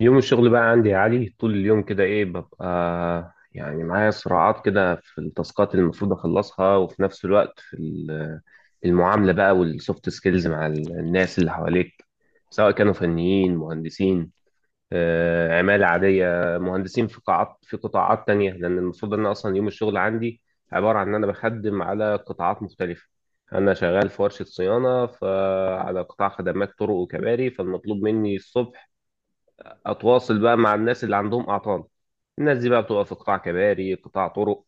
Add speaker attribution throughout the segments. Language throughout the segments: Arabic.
Speaker 1: يوم الشغل بقى عندي يا علي طول اليوم كده ايه ببقى يعني معايا صراعات كده في التاسكات اللي المفروض اخلصها وفي نفس الوقت في المعاملة بقى والسوفت سكيلز مع الناس اللي حواليك سواء كانوا فنيين مهندسين، عمالة عادية، مهندسين في قاعات في قطاعات تانية، لأن المفروض أن أصلا يوم الشغل عندي عبارة عن إن أنا بخدم على قطاعات مختلفة. أنا شغال في ورشة صيانة فعلى قطاع خدمات طرق وكباري، فالمطلوب مني الصبح اتواصل بقى مع الناس اللي عندهم اعطال. الناس دي بقى بتبقى في قطاع كباري قطاع طرق،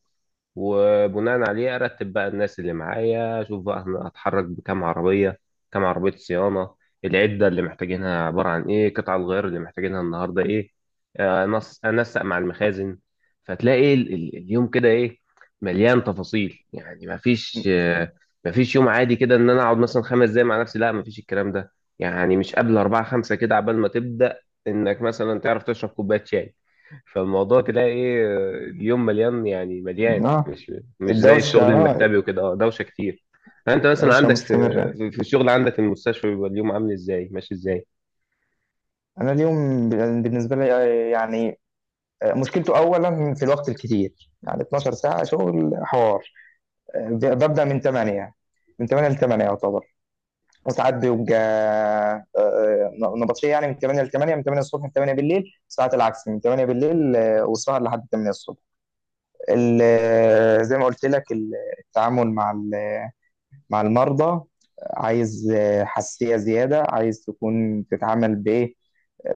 Speaker 1: وبناء عليه ارتب بقى الناس اللي معايا، اشوف بقى انا هتحرك بكام عربيه، كام عربيه صيانه، العده اللي محتاجينها عباره عن ايه، قطع الغيار اللي محتاجينها النهارده ايه. أنسق مع المخازن. فتلاقي اليوم كده ايه، مليان تفاصيل، يعني مفيش مفيش يوم عادي كده ان انا اقعد مثلا خمس دقايق مع نفسي، لا مفيش الكلام ده. يعني مش قبل أربعة خمسة كده عبال ما تبدأ انك مثلا تعرف تشرب كوبايه شاي. فالموضوع تلاقي ايه، اليوم مليان، يعني مليان،
Speaker 2: اه.
Speaker 1: مش مش زي
Speaker 2: الدوشة
Speaker 1: الشغل
Speaker 2: اه
Speaker 1: المكتبي وكده. اه، دوشه كتير. انت مثلا
Speaker 2: الدوشة
Speaker 1: عندك في
Speaker 2: مستمرة.
Speaker 1: في الشغل عندك المستشفى بيبقى اليوم عامل ازاي، ماشي ازاي؟
Speaker 2: أنا اليوم بالنسبة لي، يعني، مشكلته أولا في الوقت الكتير، يعني 12 ساعة شغل حوار. ببدأ من 8، من 8 ل 8 يعتبر. وساعات بيبقى نبطشية، يعني من 8 ل 8، من 8 الصبح ل 8 بالليل، ساعات العكس من 8 بالليل، والسهر لحد 8 الصبح. زي ما قلت لك، التعامل مع المرضى عايز حساسية زيادة، عايز تكون تتعامل بإيه؟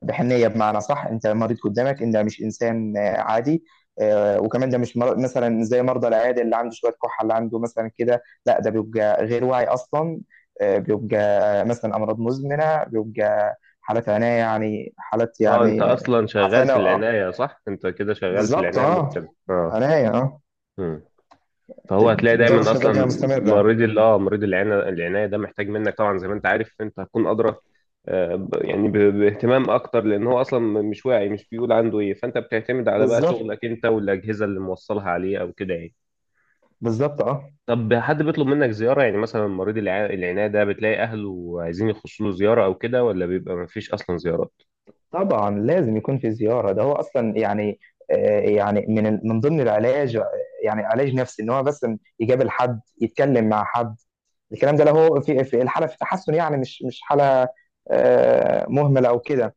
Speaker 2: بحنية، بمعنى صح، أنت المريض قدامك، أنت مش إنسان عادي. وكمان ده مش مثلا زي مرضى العيادة اللي عنده شوية كحة، اللي عنده مثلا كده. لا، ده بيبقى غير واعي أصلا. آه، بيبقى آه، مثلا أمراض مزمنة، بيبقى حالات عناية، يعني حالات،
Speaker 1: اه انت
Speaker 2: يعني
Speaker 1: اصلا شغال
Speaker 2: عفانة،
Speaker 1: في العنايه، صح؟ انت كده شغال في
Speaker 2: بالظبط،
Speaker 1: العنايه
Speaker 2: أه.
Speaker 1: المركزه. اه،
Speaker 2: عناية، أه.
Speaker 1: فهو هتلاقي دايما
Speaker 2: دوشة بقى
Speaker 1: اصلا
Speaker 2: مستمرة.
Speaker 1: مريض ال- اه مريض العناية ده محتاج منك، طبعا زي ما انت عارف انت هتكون ادرى، يعني باهتمام اكتر، لان هو اصلا مش واعي، مش بيقول عنده ايه، فانت بتعتمد على بقى
Speaker 2: بالظبط،
Speaker 1: شغلك انت والاجهزه اللي موصلها عليه او كده يعني.
Speaker 2: بالظبط، أه.
Speaker 1: طب حد بيطلب منك زياره، يعني مثلا مريض العناية ده بتلاقي اهله عايزين يخشوا له زياره او كده، ولا بيبقى ما فيش اصلا زيارات؟
Speaker 2: طبعا لازم يكون في زيارة، ده هو أصلا، يعني يعني من من ضمن العلاج، يعني علاج نفسي، إن هو بس يقابل حد، يتكلم مع حد. الكلام ده له في الحالة في تحسن، يعني مش حالة مهملة أو كده.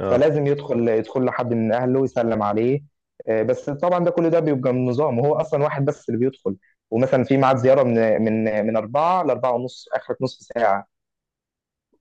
Speaker 1: اه،
Speaker 2: فلازم يدخل لحد من أهله ويسلم عليه. بس طبعا ده، كل ده بيبقى من نظام، وهو أصلا واحد بس اللي بيدخل. ومثلا في ميعاد زيارة من أربعة لأربعة ونص، آخرة نص ساعة.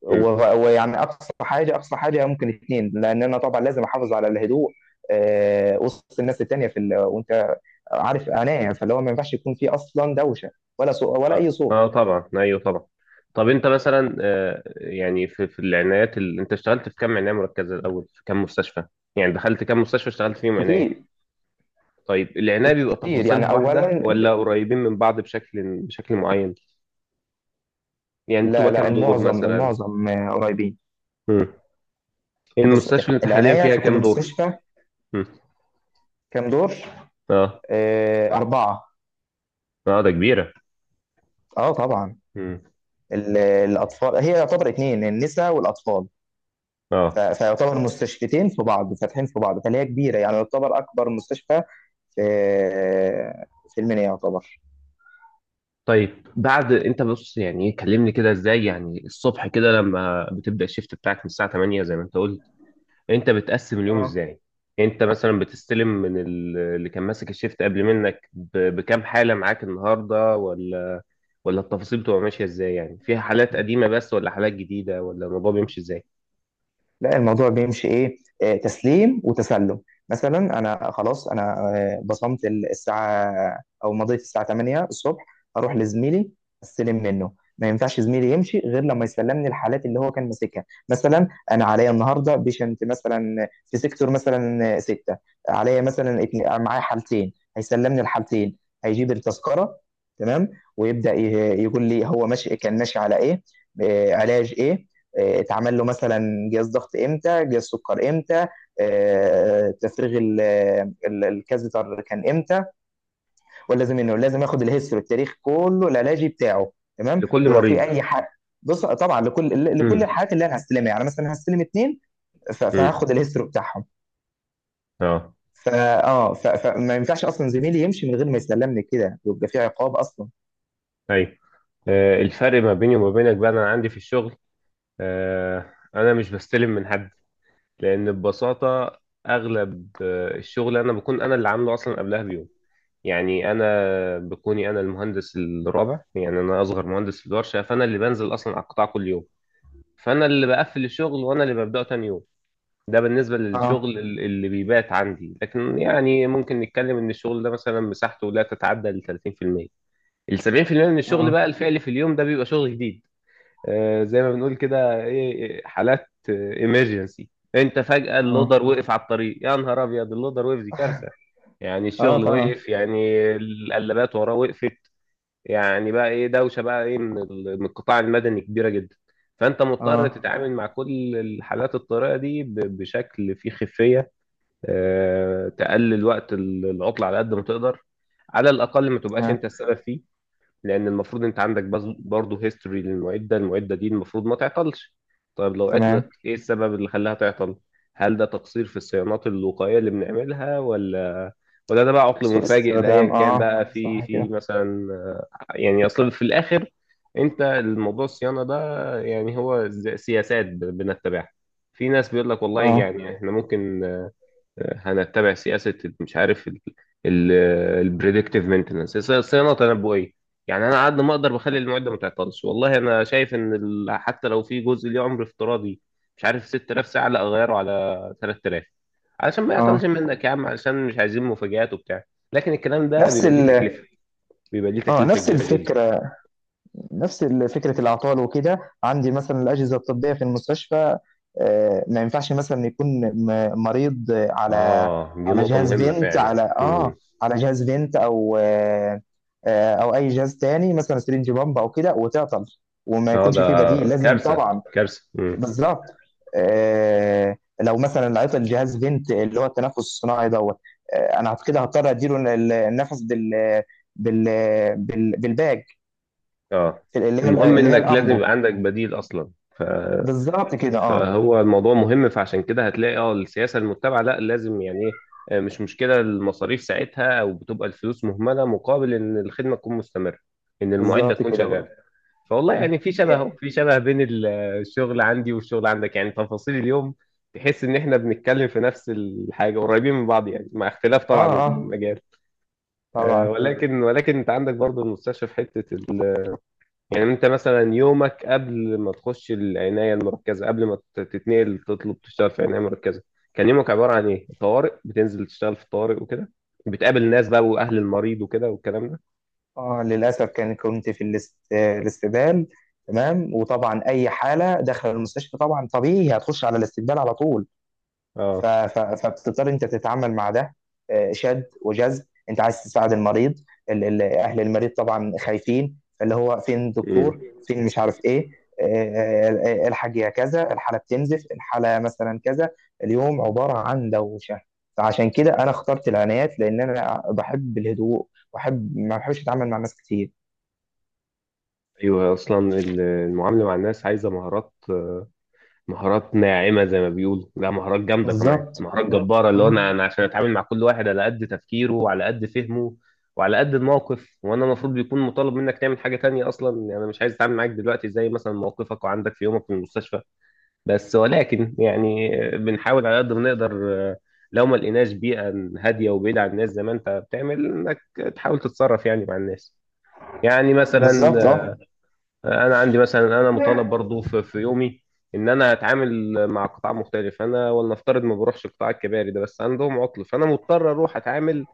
Speaker 2: ويعني اقصى حاجه، اقصى حاجه ممكن اتنين، لان انا طبعا لازم احافظ على الهدوء وسط الناس التانيه في وانت عارف انايا، فاللي هو ما ينفعش يكون في اصلا دوشه، ولا ولا اي
Speaker 1: اه،
Speaker 2: صوت.
Speaker 1: آه طبعا، ايوه طبعا. طب انت مثلا يعني في العنايات انت اشتغلت في كم عنايه مركزه الاول، في كم مستشفى، يعني دخلت كم مستشفى اشتغلت فيهم
Speaker 2: كتير،
Speaker 1: عنايه؟ طيب العنايه بيبقى
Speaker 2: كتير يعني
Speaker 1: تفاصيلها واحده
Speaker 2: اولا.
Speaker 1: ولا قريبين من بعض بشكل معين؟ يعني
Speaker 2: لا،
Speaker 1: بتبقى
Speaker 2: لا،
Speaker 1: كم دور
Speaker 2: المعظم
Speaker 1: مثلا؟
Speaker 2: المعظم قريبين.
Speaker 1: مم.
Speaker 2: بص،
Speaker 1: المستشفى اللي انت حاليا
Speaker 2: العنايه
Speaker 1: فيها
Speaker 2: في كل
Speaker 1: كم دور؟
Speaker 2: مستشفى
Speaker 1: مم.
Speaker 2: كام دور؟
Speaker 1: اه،
Speaker 2: اربعه.
Speaker 1: اه ده كبيره.
Speaker 2: اه طبعا.
Speaker 1: مم.
Speaker 2: الاطفال هي يعتبر اتنين، النساء والاطفال.
Speaker 1: اه.
Speaker 2: فيعتبر مستشفيتين في بعض، فاتحين في بعض، فهي كبيرة، يعني يعتبر أكبر مستشفى في المنيا يعتبر.
Speaker 1: طيب بعد انت بص يعني إيه، كلمني كده ازاي، يعني الصبح كده لما بتبدا الشيفت بتاعك من الساعه 8 زي ما انت قلت، انت بتقسم اليوم
Speaker 2: اه.
Speaker 1: ازاي؟ انت مثلا بتستلم من اللي كان ماسك الشيفت قبل منك بكام حالة معاك النهاردة، ولا ولا التفاصيل بتبقى ماشية ازاي، يعني فيها حالات قديمة بس ولا حالات جديدة، ولا الموضوع بيمشي ازاي؟
Speaker 2: لا، الموضوع بيمشي ايه، تسليم وتسلم. مثلا انا خلاص، انا بصمت الساعه، او مضيت الساعه 8 الصبح. اروح لزميلي، استلم منه. ما ينفعش زميلي يمشي غير لما يسلمني الحالات اللي هو كان ماسكها. مثلا انا عليا النهارده بيشنت مثلا في سيكتور مثلا ستة. عليا مثلا معايا حالتين، هيسلمني الحالتين، هيجيب التذكره، تمام. ويبدا يقول لي هو ماشي، كان ماشي على ايه، علاج ايه، اتعمل له مثلا جهاز ضغط امتى، جهاز سكر امتى، آه، تفريغ ال- الكازيتر كان امتى. ولازم انه لازم ياخد الهيستوري، التاريخ كله العلاجي بتاعه، تمام.
Speaker 1: لكل
Speaker 2: ولو
Speaker 1: مريض.
Speaker 2: في اي حاجه. بص طبعا لكل
Speaker 1: امم،
Speaker 2: الحالات اللي انا هستلمها، يعني مثلا هستلم اتنين،
Speaker 1: امم،
Speaker 2: فهاخد الهيستوري بتاعهم.
Speaker 1: اه،
Speaker 2: فما ينفعش اصلا زميلي يمشي من غير ما يسلمني كده، ويبقى في عقاب اصلا.
Speaker 1: ايوه. الفرق ما بيني وما بينك بقى، انا عندي في الشغل انا مش بستلم من حد، لان ببساطة اغلب الشغل انا بكون انا اللي عامله اصلا قبلها بيوم. يعني انا بكوني انا المهندس الرابع، يعني انا اصغر مهندس في الورشه، فانا اللي بنزل اصلا على القطاع كل يوم، فانا اللي بقفل الشغل وانا اللي ببداه تاني يوم. ده بالنسبه
Speaker 2: اه،
Speaker 1: للشغل اللي بيبات عندي، لكن يعني ممكن نتكلم ان الشغل ده مثلا مساحته لا تتعدى ال 30%. ال 70% من الشغل
Speaker 2: اه،
Speaker 1: بقى الفعلي في اليوم ده بيبقى شغل جديد، زي ما بنقول كده ايه، إيه، حالات ايمرجنسي. انت فجأة
Speaker 2: اه،
Speaker 1: اللودر وقف على الطريق، يا نهار ابيض، اللودر وقف دي كارثة. يعني
Speaker 2: اه
Speaker 1: الشغل
Speaker 2: طبعا،
Speaker 1: وقف، يعني القلابات وراه وقفت. يعني بقى ايه دوشة بقى ايه من من القطاع المدني كبيرة جدا. فانت مضطر
Speaker 2: اه،
Speaker 1: تتعامل مع كل الحالات الطارئة دي بشكل فيه خفية، تقلل وقت العطلة على قد ما تقدر، على الاقل ما تبقاش انت
Speaker 2: تمام،
Speaker 1: السبب فيه. لان المفروض انت عندك بس برضه هيستوري للمعده، المعده دي المفروض ما تعطلش. طيب لو
Speaker 2: تمام.
Speaker 1: عطلت ايه السبب اللي خلاها تعطل؟ هل ده تقصير في الصيانات الوقائيه اللي بنعملها، ولا ولا ده بقى عطل
Speaker 2: سوء
Speaker 1: مفاجئ؟ ده ايا
Speaker 2: استخدام،
Speaker 1: كان
Speaker 2: اه
Speaker 1: بقى في
Speaker 2: صح
Speaker 1: في
Speaker 2: كده.
Speaker 1: مثلا، يعني اصل في الاخر انت الموضوع الصيانه ده يعني هو زي سياسات بنتبعها. في ناس بيقول لك والله
Speaker 2: اه،
Speaker 1: يعني احنا ممكن هنتبع سياسه، مش عارف، البريدكتيف مينتنس، صيانه تنبؤيه. يعني انا على قد ما اقدر بخلي المعده ما تعطلش. والله انا شايف ان حتى لو في جزء ليه عمر افتراضي، مش عارف، 6,000 ساعه، لا اغيره على 3,000، علشان ما يعطلش
Speaker 2: اه،
Speaker 1: منك يا عم، علشان مش عايزين مفاجآت وبتاع. لكن الكلام ده
Speaker 2: نفس
Speaker 1: بيبقى ليه
Speaker 2: ال
Speaker 1: تكلفه، بيبقى ليه
Speaker 2: اه
Speaker 1: تكلفه
Speaker 2: نفس
Speaker 1: كبيره جدا.
Speaker 2: الفكره نفس فكره الاعطال وكده. عندي مثلا الاجهزه الطبيه في المستشفى، ما ينفعش مثلا يكون مريض على
Speaker 1: اه دي نقطه
Speaker 2: جهاز
Speaker 1: مهمه
Speaker 2: فينت،
Speaker 1: فعلا.
Speaker 2: على
Speaker 1: امم،
Speaker 2: اه على جهاز فينت، او او اي جهاز تاني مثلا سرنج بامب او كده وتعطل، وما
Speaker 1: اه، ده
Speaker 2: يكونش فيه بديل، لازم
Speaker 1: كارثه
Speaker 2: طبعا.
Speaker 1: كارثه. امم،
Speaker 2: بالظبط. آه لو مثلا عطل جهاز فينت، اللي هو التنفس الصناعي دوت. آه انا كده هضطر اديله النفس بال بالباج،
Speaker 1: اه.
Speaker 2: اللي
Speaker 1: المهم
Speaker 2: هي
Speaker 1: انك لازم
Speaker 2: الامبو.
Speaker 1: يبقى عندك بديل اصلا. ف
Speaker 2: بالظبط كده، اه.
Speaker 1: فهو الموضوع مهم، فعشان كده هتلاقي اه السياسه المتبعه، لا لازم يعني ايه، مش مشكله المصاريف ساعتها، او بتبقى الفلوس مهمله مقابل ان الخدمه تكون مستمره، ان المعده
Speaker 2: بالظبط
Speaker 1: تكون
Speaker 2: كده
Speaker 1: شغاله.
Speaker 2: هو.
Speaker 1: فوالله
Speaker 2: م.
Speaker 1: يعني في شبه اهو، في شبه بين الشغل عندي والشغل عندك يعني تفاصيل اليوم. تحس ان احنا بنتكلم في نفس الحاجه، قريبين من بعض يعني، مع اختلاف طبعا
Speaker 2: اه، اه
Speaker 1: المجال.
Speaker 2: طبعا.
Speaker 1: ولكن انت عندك برضه المستشفى في حته. يعني انت مثلا يومك قبل ما تخش العناية المركزة، قبل ما تتنقل تطلب تشتغل في عناية مركزة، كان يومك عبارة عن ايه؟ طوارئ. بتنزل تشتغل في الطوارئ وكده، بتقابل ناس بقى واهل المريض وكده والكلام ده.
Speaker 2: اه للاسف كان كنت في الاستبدال، تمام. وطبعا اي حاله داخل المستشفى طبعا طبيعي هتخش على الاستبدال على طول.
Speaker 1: اه.
Speaker 2: فبتضطر انت تتعامل مع ده، شد وجذب، انت عايز تساعد المريض، اهل المريض طبعا خايفين، اللي هو فين
Speaker 1: امم،
Speaker 2: الدكتور، فين، مش عارف ايه، آه، الحاج يا كذا، الحاله بتنزف، الحاله مثلا كذا. اليوم عباره عن دوشه. فعشان كده انا اخترت العنايات، لان انا بحب الهدوء، واحب، ما بحبش اتعامل مع ناس كتير.
Speaker 1: ايوه. اصلا المعاملة مع الناس عايزة مهارات، مهارات ناعمة زي ما بيقولوا، لا مهارات جامدة كمان،
Speaker 2: بالظبط،
Speaker 1: مهارات جامدة جبارة. اللي هو أنا
Speaker 2: اه.
Speaker 1: أنا عشان أتعامل مع كل واحد على قد تفكيره وعلى قد فهمه وعلى قد الموقف، وأنا المفروض بيكون مطالب منك تعمل حاجة تانية أصلا. يعني أنا مش عايز أتعامل معاك دلوقتي زي مثلا موقفك وعندك في يومك في المستشفى، بس ولكن يعني بنحاول على قد ما نقدر. لو ما لقيناش بيئة هادية وبعيدة عن الناس زي ما أنت بتعمل، إنك تحاول تتصرف يعني مع الناس. يعني مثلا
Speaker 2: بالظبط، اه.
Speaker 1: انا عندي، مثلا انا مطالب برضو في يومي ان انا اتعامل مع قطاع مختلف، انا ولنفترض ما بروحش القطاع الكباري ده، بس عندهم عطل فانا مضطر اروح اتعامل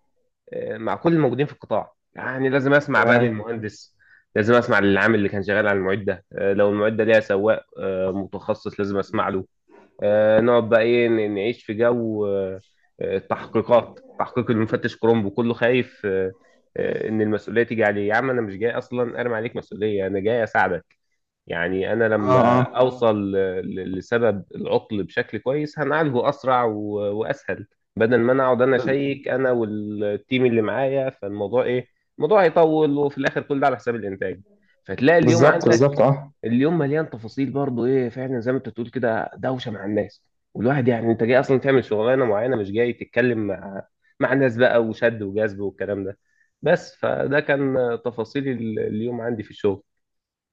Speaker 1: مع كل الموجودين في القطاع. يعني لازم اسمع بقى
Speaker 2: تمام،
Speaker 1: للمهندس، لازم اسمع للعامل اللي كان شغال على المعده، لو المعده ليها سواق متخصص لازم اسمع له. نقعد بقى ايه نعيش في جو التحقيقات، تحقيق المفتش كرومبو، كله خايف ان المسؤوليه تيجي عليه. يا عم انا مش جاي اصلا ارمي عليك مسؤوليه، انا جاي اساعدك. يعني انا
Speaker 2: اه، اه،
Speaker 1: لما اوصل لسبب العطل بشكل كويس هنعالجه اسرع واسهل، بدل ما انا اقعد انا
Speaker 2: بال-
Speaker 1: اشيك انا والتيم اللي معايا فالموضوع ايه. الموضوع هيطول وفي الاخر كل ده على حساب الانتاج. فتلاقي اليوم
Speaker 2: بالظبط،
Speaker 1: عندك
Speaker 2: بالظبط، اه.
Speaker 1: اليوم مليان تفاصيل برضو ايه فعلا زي ما انت تقول كده، دوشه مع الناس. والواحد يعني انت جاي اصلا تعمل شغلانه معينه مش جاي تتكلم مع مع ناس بقى وشد وجذب والكلام ده بس. فده كان تفاصيل اليوم عندي في الشغل.